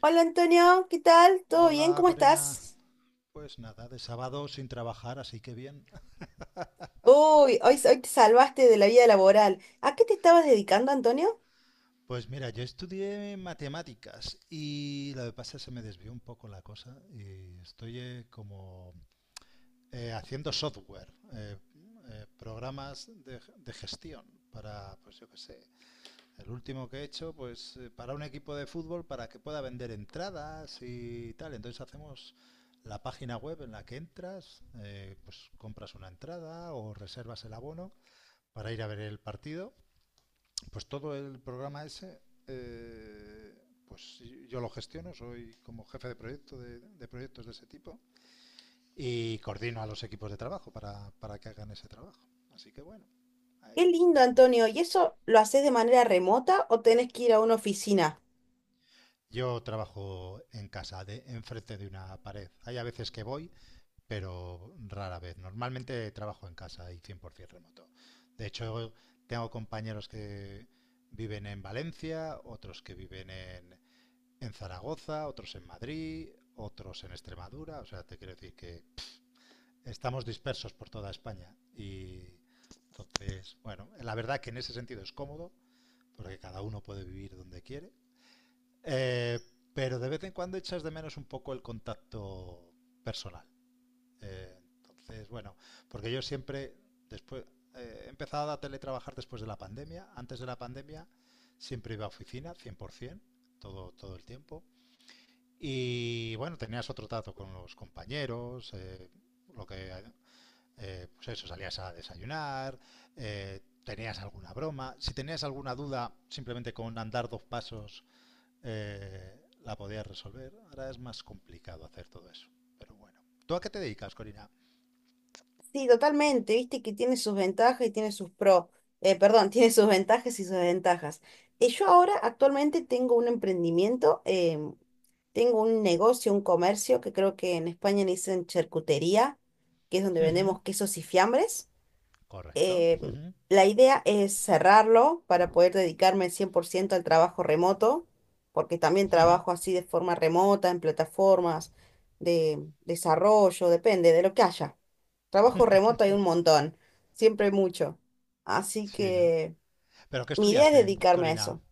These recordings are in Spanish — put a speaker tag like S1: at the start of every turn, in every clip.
S1: Hola Antonio, ¿qué tal? ¿Todo bien?
S2: Hola,
S1: ¿Cómo
S2: Corina.
S1: estás?
S2: Pues nada, de sábado sin trabajar, así que bien.
S1: Uy, hoy te salvaste de la vida laboral. ¿A qué te estabas dedicando, Antonio?
S2: Pues mira, yo estudié matemáticas y lo que pasa es que se me desvió un poco la cosa y estoy como haciendo software, programas de gestión para, pues yo qué sé, el último que he hecho, pues para un equipo de fútbol para que pueda vender entradas y tal. Entonces hacemos la página web en la que entras, pues compras una entrada o reservas el abono para ir a ver el partido. Pues todo el programa ese, eh, pues sí, yo lo gestiono, soy como jefe de proyecto de proyectos de ese tipo y coordino a los equipos de trabajo para que hagan ese trabajo. Así que bueno,
S1: Qué
S2: ahí
S1: lindo,
S2: vamos.
S1: Antonio. ¿Y eso lo haces de manera remota o tenés que ir a una oficina?
S2: Yo trabajo en casa, de, enfrente de una pared. Hay a veces que voy, pero rara vez. Normalmente trabajo en casa y 100% remoto. De hecho, tengo compañeros que viven en Valencia, otros que viven en Zaragoza, otros en Madrid, otros en Extremadura. O sea, te quiero decir que estamos dispersos por toda España. Y entonces, bueno, la verdad que en ese sentido es cómodo, porque cada uno puede vivir donde quiere. Eh, pero de vez en cuando echas de menos un poco el contacto personal. Eh, entonces, bueno, porque yo siempre, después, he empezado a teletrabajar después de la pandemia. Antes de la pandemia siempre iba a oficina, 100%, todo el tiempo. Y bueno, tenías otro trato con los compañeros, lo que, pues eso, salías a desayunar, tenías alguna broma. Si tenías alguna duda, simplemente con andar dos pasos la podías resolver. Ahora es más complicado hacer todo eso. Pero bueno. ¿Tú a qué te dedicas, Corina?
S1: Sí, totalmente. Viste que tiene sus ventajas y tiene sus pros. Perdón, tiene sus ventajas y sus ventajas. Yo ahora actualmente tengo un emprendimiento, tengo un negocio, un comercio que creo que en España le dicen charcutería, que es donde
S2: Ujú.
S1: vendemos quesos y fiambres.
S2: Correcto.
S1: eh,
S2: Ujú,
S1: la idea es cerrarlo para poder dedicarme al 100% al trabajo remoto, porque también
S2: ujú.
S1: trabajo así de forma remota, en plataformas de desarrollo, depende de lo que haya. Trabajo remoto hay un montón, siempre hay mucho. Así
S2: Sí, ¿no?
S1: que
S2: ¿Pero qué
S1: mi idea es
S2: estudiaste,
S1: dedicarme a
S2: Corina?
S1: eso.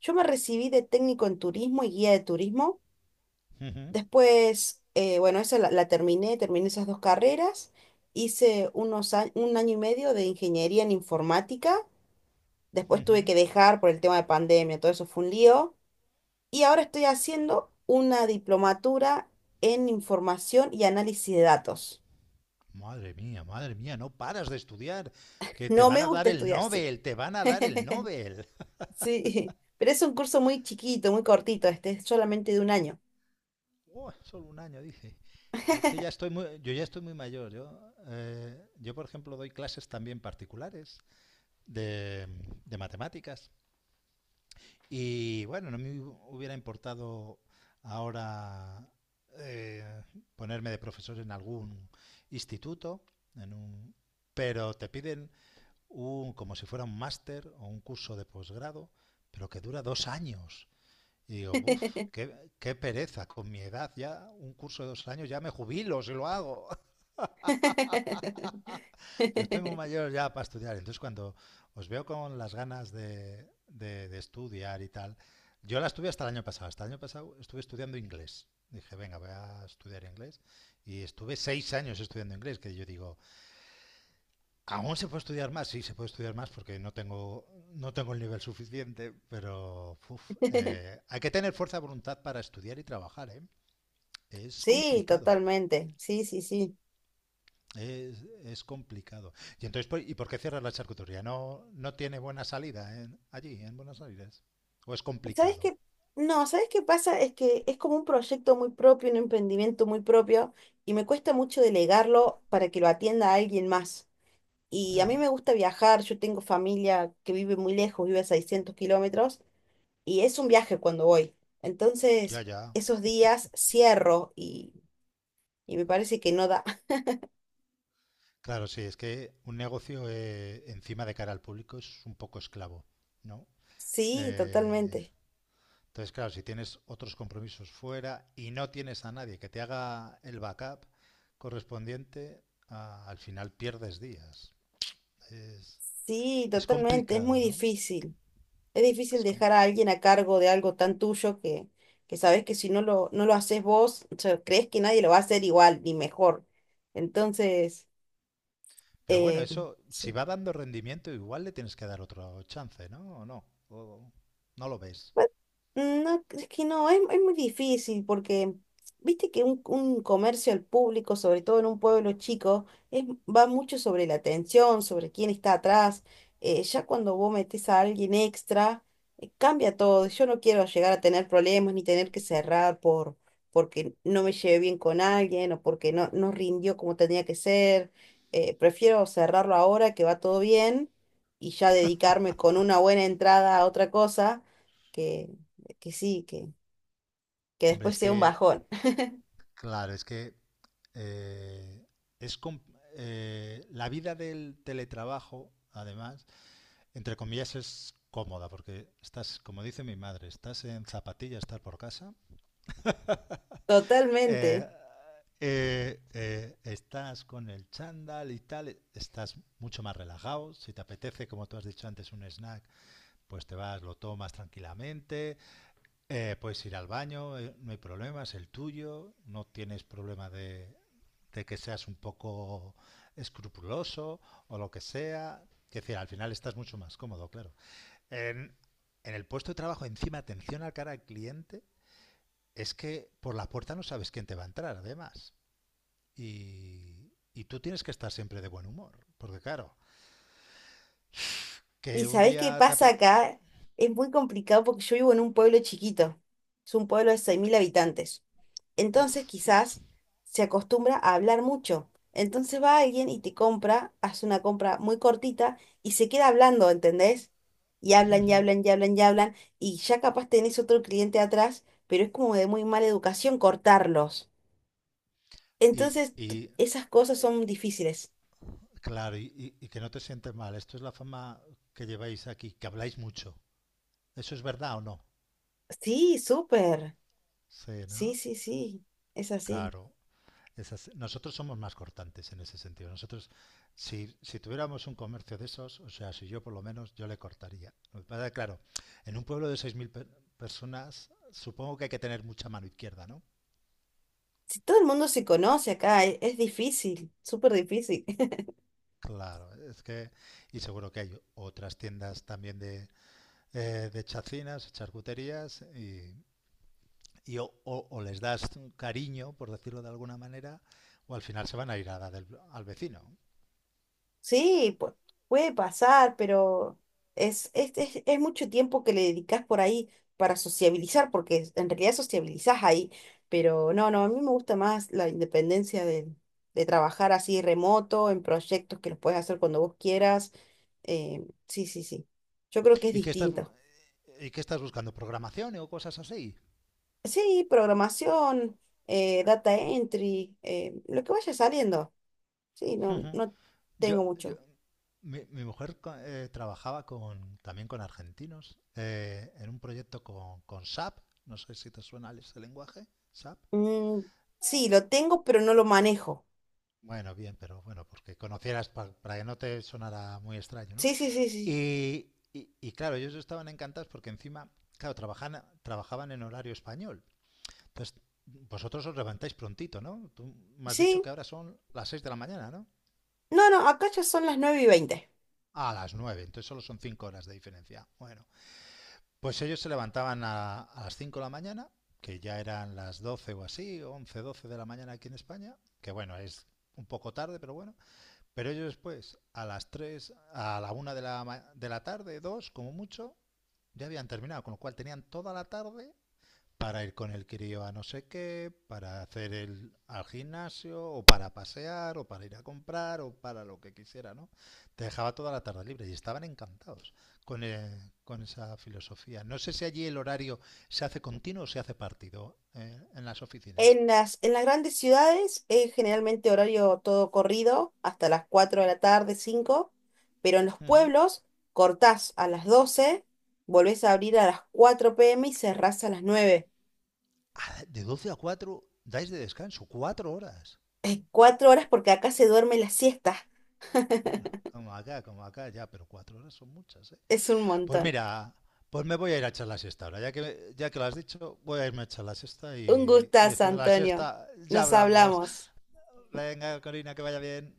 S1: Yo me recibí de técnico en turismo y guía de turismo.
S2: Ujú,
S1: Después, bueno, esa la, la terminé, terminé esas dos carreras. Hice un año y medio de ingeniería en informática. Después tuve
S2: ujú.
S1: que dejar por el tema de pandemia, todo eso fue un lío. Y ahora estoy haciendo una diplomatura en información y análisis de datos.
S2: Madre mía, no paras de estudiar, que te
S1: No
S2: van
S1: me
S2: a dar
S1: gusta
S2: el
S1: estudiar, sí.
S2: Nobel, te van a dar el Nobel.
S1: Sí, pero es un curso muy chiquito, muy cortito, este es solamente de un año.
S2: Uah, solo un año, dice. Yo es que ya estoy muy, yo ya estoy muy mayor. Yo, yo, por ejemplo, doy clases también particulares de, de matemáticas. Y bueno, no me hubiera importado ahora eh, ponerme de profesor en algún instituto, en un, pero te piden un, como si fuera un máster o un curso de posgrado, pero que dura 2 años. Y digo, uff, qué, qué pereza, con mi edad ya, un curso de 2 años ya me jubilo si lo hago. Yo estoy muy mayor ya para estudiar, entonces cuando os veo con las ganas de estudiar y tal, yo la estuve hasta el año pasado, hasta el año pasado estuve estudiando inglés. Dije, venga, voy a estudiar inglés. Y estuve 6 años estudiando inglés, que yo digo, aún se puede estudiar más, sí, se puede estudiar más porque no tengo, no tengo el nivel suficiente, pero uf, hay que tener fuerza de voluntad para estudiar y trabajar, ¿eh? Es
S1: Sí,
S2: complicado,
S1: totalmente. Sí, sí, sí.
S2: es complicado. Y entonces, pues, ¿y por qué cierras la charcutería? ¿No, no tiene buena salida en- allí, en Buenos Aires? ¿O es
S1: ¿Sabes
S2: complicado?
S1: qué? No, ¿sabes qué pasa? Es que es como un proyecto muy propio, un emprendimiento muy propio, y me cuesta mucho delegarlo para que lo atienda a alguien más. Y a mí
S2: Ujú.
S1: me gusta viajar, yo tengo familia que vive muy lejos, vive a 600 kilómetros, y es un viaje cuando voy.
S2: Ya,
S1: Entonces,
S2: ya.
S1: esos días cierro y me parece que no da.
S2: Claro, sí, es que un negocio encima de cara al público es un poco esclavo, ¿no?
S1: Sí,
S2: Eh,
S1: totalmente.
S2: Entonces, claro, si tienes otros compromisos fuera y no tienes a nadie que te haga el backup correspondiente, ah, al final pierdes días. Es,
S1: Sí,
S2: es
S1: totalmente, es
S2: complicado,
S1: muy
S2: ¿no?
S1: difícil. Es difícil
S2: Es com-
S1: dejar a alguien a cargo de algo tan tuyo que sabes que si no lo haces vos, o sea, crees que nadie lo va a hacer igual ni mejor. Entonces,
S2: Pero bueno,
S1: eh,
S2: eso, si
S1: sí.
S2: va dando rendimiento, igual le tienes que dar otro chance, ¿no? ¿O no? ¿O no lo ves?
S1: Bueno, no, es que no, es muy difícil porque viste que un comercio al público, sobre todo en un pueblo chico, va mucho sobre la atención, sobre quién está atrás. Ya cuando vos metés a alguien extra, cambia todo. Yo no quiero llegar a tener problemas ni tener que cerrar porque no me llevé bien con alguien o porque no rindió como tenía que ser. Prefiero cerrarlo ahora que va todo bien y ya dedicarme con una buena entrada a otra cosa que, que sí, que
S2: Hombre,
S1: después
S2: es
S1: sea un
S2: que,
S1: bajón.
S2: claro, es que eh, es com- la vida del teletrabajo, además, entre comillas, es cómoda, porque estás, como dice mi madre, estás en zapatillas, estás por casa, eh,
S1: Totalmente.
S2: estás con el chándal y tal, estás mucho más relajado, si te apetece, como tú has dicho antes, un snack, pues te vas, lo tomas tranquilamente, puedes ir al baño, no hay problema, es el tuyo, no tienes problema de que seas un poco escrupuloso o lo que sea, que decir, al final estás mucho más cómodo, claro. En, en el puesto de trabajo, encima, atención al cara al cliente, es que por la puerta no sabes quién te va a entrar, además. Y tú tienes que estar siempre de buen humor. Porque claro,
S1: ¿Y
S2: que un
S1: sabés qué
S2: día te...
S1: pasa acá? Es muy complicado porque yo vivo en un pueblo chiquito. Es un pueblo de 6.000 habitantes. Entonces
S2: Uf, uf.
S1: quizás se acostumbra a hablar mucho. Entonces va alguien y te compra, hace una compra muy cortita y se queda hablando, ¿entendés? Y hablan y hablan y hablan y hablan. Y ya capaz tenés otro cliente atrás, pero es como de muy mala educación cortarlos.
S2: Y,
S1: Entonces
S2: y
S1: esas cosas son difíciles.
S2: claro, y que no te sientes mal. Esto es la fama que lleváis aquí, que habláis mucho. ¿Eso es verdad o no?
S1: Sí, súper.
S2: Sí,
S1: Sí,
S2: ¿no?
S1: sí, sí. Es así.
S2: Claro. Esas, nosotros somos más cortantes en ese sentido. Nosotros, si, si, tuviéramos un comercio de esos, o sea, si yo por lo menos, yo le cortaría. Lo que pasa es que, claro, en un pueblo de 6.000 pe personas, supongo que hay que tener mucha mano izquierda, ¿no?
S1: Si todo el mundo se conoce acá, es difícil, súper difícil.
S2: Claro, es que, y seguro que hay otras tiendas también de chacinas, charcuterías, y o, les das un cariño, por decirlo de alguna manera, o al final se van a ir a dar el, al vecino.
S1: Sí, puede pasar, pero es mucho tiempo que le dedicas por ahí para sociabilizar, porque en realidad sociabilizás ahí. Pero no, no, a mí me gusta más la independencia de trabajar así remoto, en proyectos que los puedes hacer cuando vos quieras. Sí, sí, sí. Yo creo que es
S2: ¿Y qué estás,
S1: distinta.
S2: y qué estás buscando? ¿Programación o cosas así?
S1: Sí, programación, data entry, lo que vaya saliendo. Sí, no,
S2: Ujú.
S1: no
S2: Yo,
S1: tengo
S2: yo-
S1: mucho.
S2: mi mujer co- trabajaba con, también con argentinos en un proyecto con SAP. No sé si te suena ese lenguaje, SAP.
S1: Mm, sí, lo tengo, pero no lo manejo.
S2: Bueno, bien, pero bueno, porque conocieras pa- para que no te sonara muy extraño, ¿no?
S1: Sí, sí, sí, sí.
S2: Y claro, ellos estaban encantados porque encima, claro, trabajan, trabajaban en horario español. Entonces, vosotros os levantáis prontito, ¿no? Tú me has dicho
S1: Sí,
S2: que ahora son las 6 de la mañana, ¿no?
S1: no, no, acá ya son las 9:20.
S2: A las 9. Entonces solo son 5 horas de diferencia. Bueno, pues ellos se levantaban a las 5 de la mañana, que ya eran las 12 o así, 11 12 de la mañana aquí en España, que bueno, es un poco tarde, pero bueno. Pero ellos después, a las 3, a la una de la, ma- de la tarde, 2 como mucho, ya habían terminado, con lo cual tenían toda la tarde para ir con el crío a no sé qué, para hacer el al gimnasio, o para pasear, o para ir a comprar, o para lo que quisiera, ¿no? Te dejaba toda la tarde libre y estaban encantados con esa filosofía. No sé si allí el horario se hace continuo o se hace partido en las oficinas.
S1: En las grandes ciudades es generalmente horario todo corrido, hasta las 4 de la tarde, 5. Pero en los
S2: Ujú.
S1: pueblos cortás a las 12, volvés a abrir a las 4 p.m. y cerrás a las 9.
S2: Ah, de 12 a 4 dais de descanso, 4 horas.
S1: 4 horas porque acá se duerme la siesta.
S2: Bueno, como acá ya, pero 4 horas son muchas, ¿eh?
S1: Es un
S2: Pues
S1: montón.
S2: mira, pues me voy a ir a echar la siesta ahora. Ya que lo has dicho, voy a irme a echar la siesta
S1: Un
S2: y
S1: gustazo,
S2: después de la
S1: Antonio.
S2: siesta ya
S1: Nos
S2: hablamos.
S1: hablamos.
S2: Venga, Corina, que vaya bien.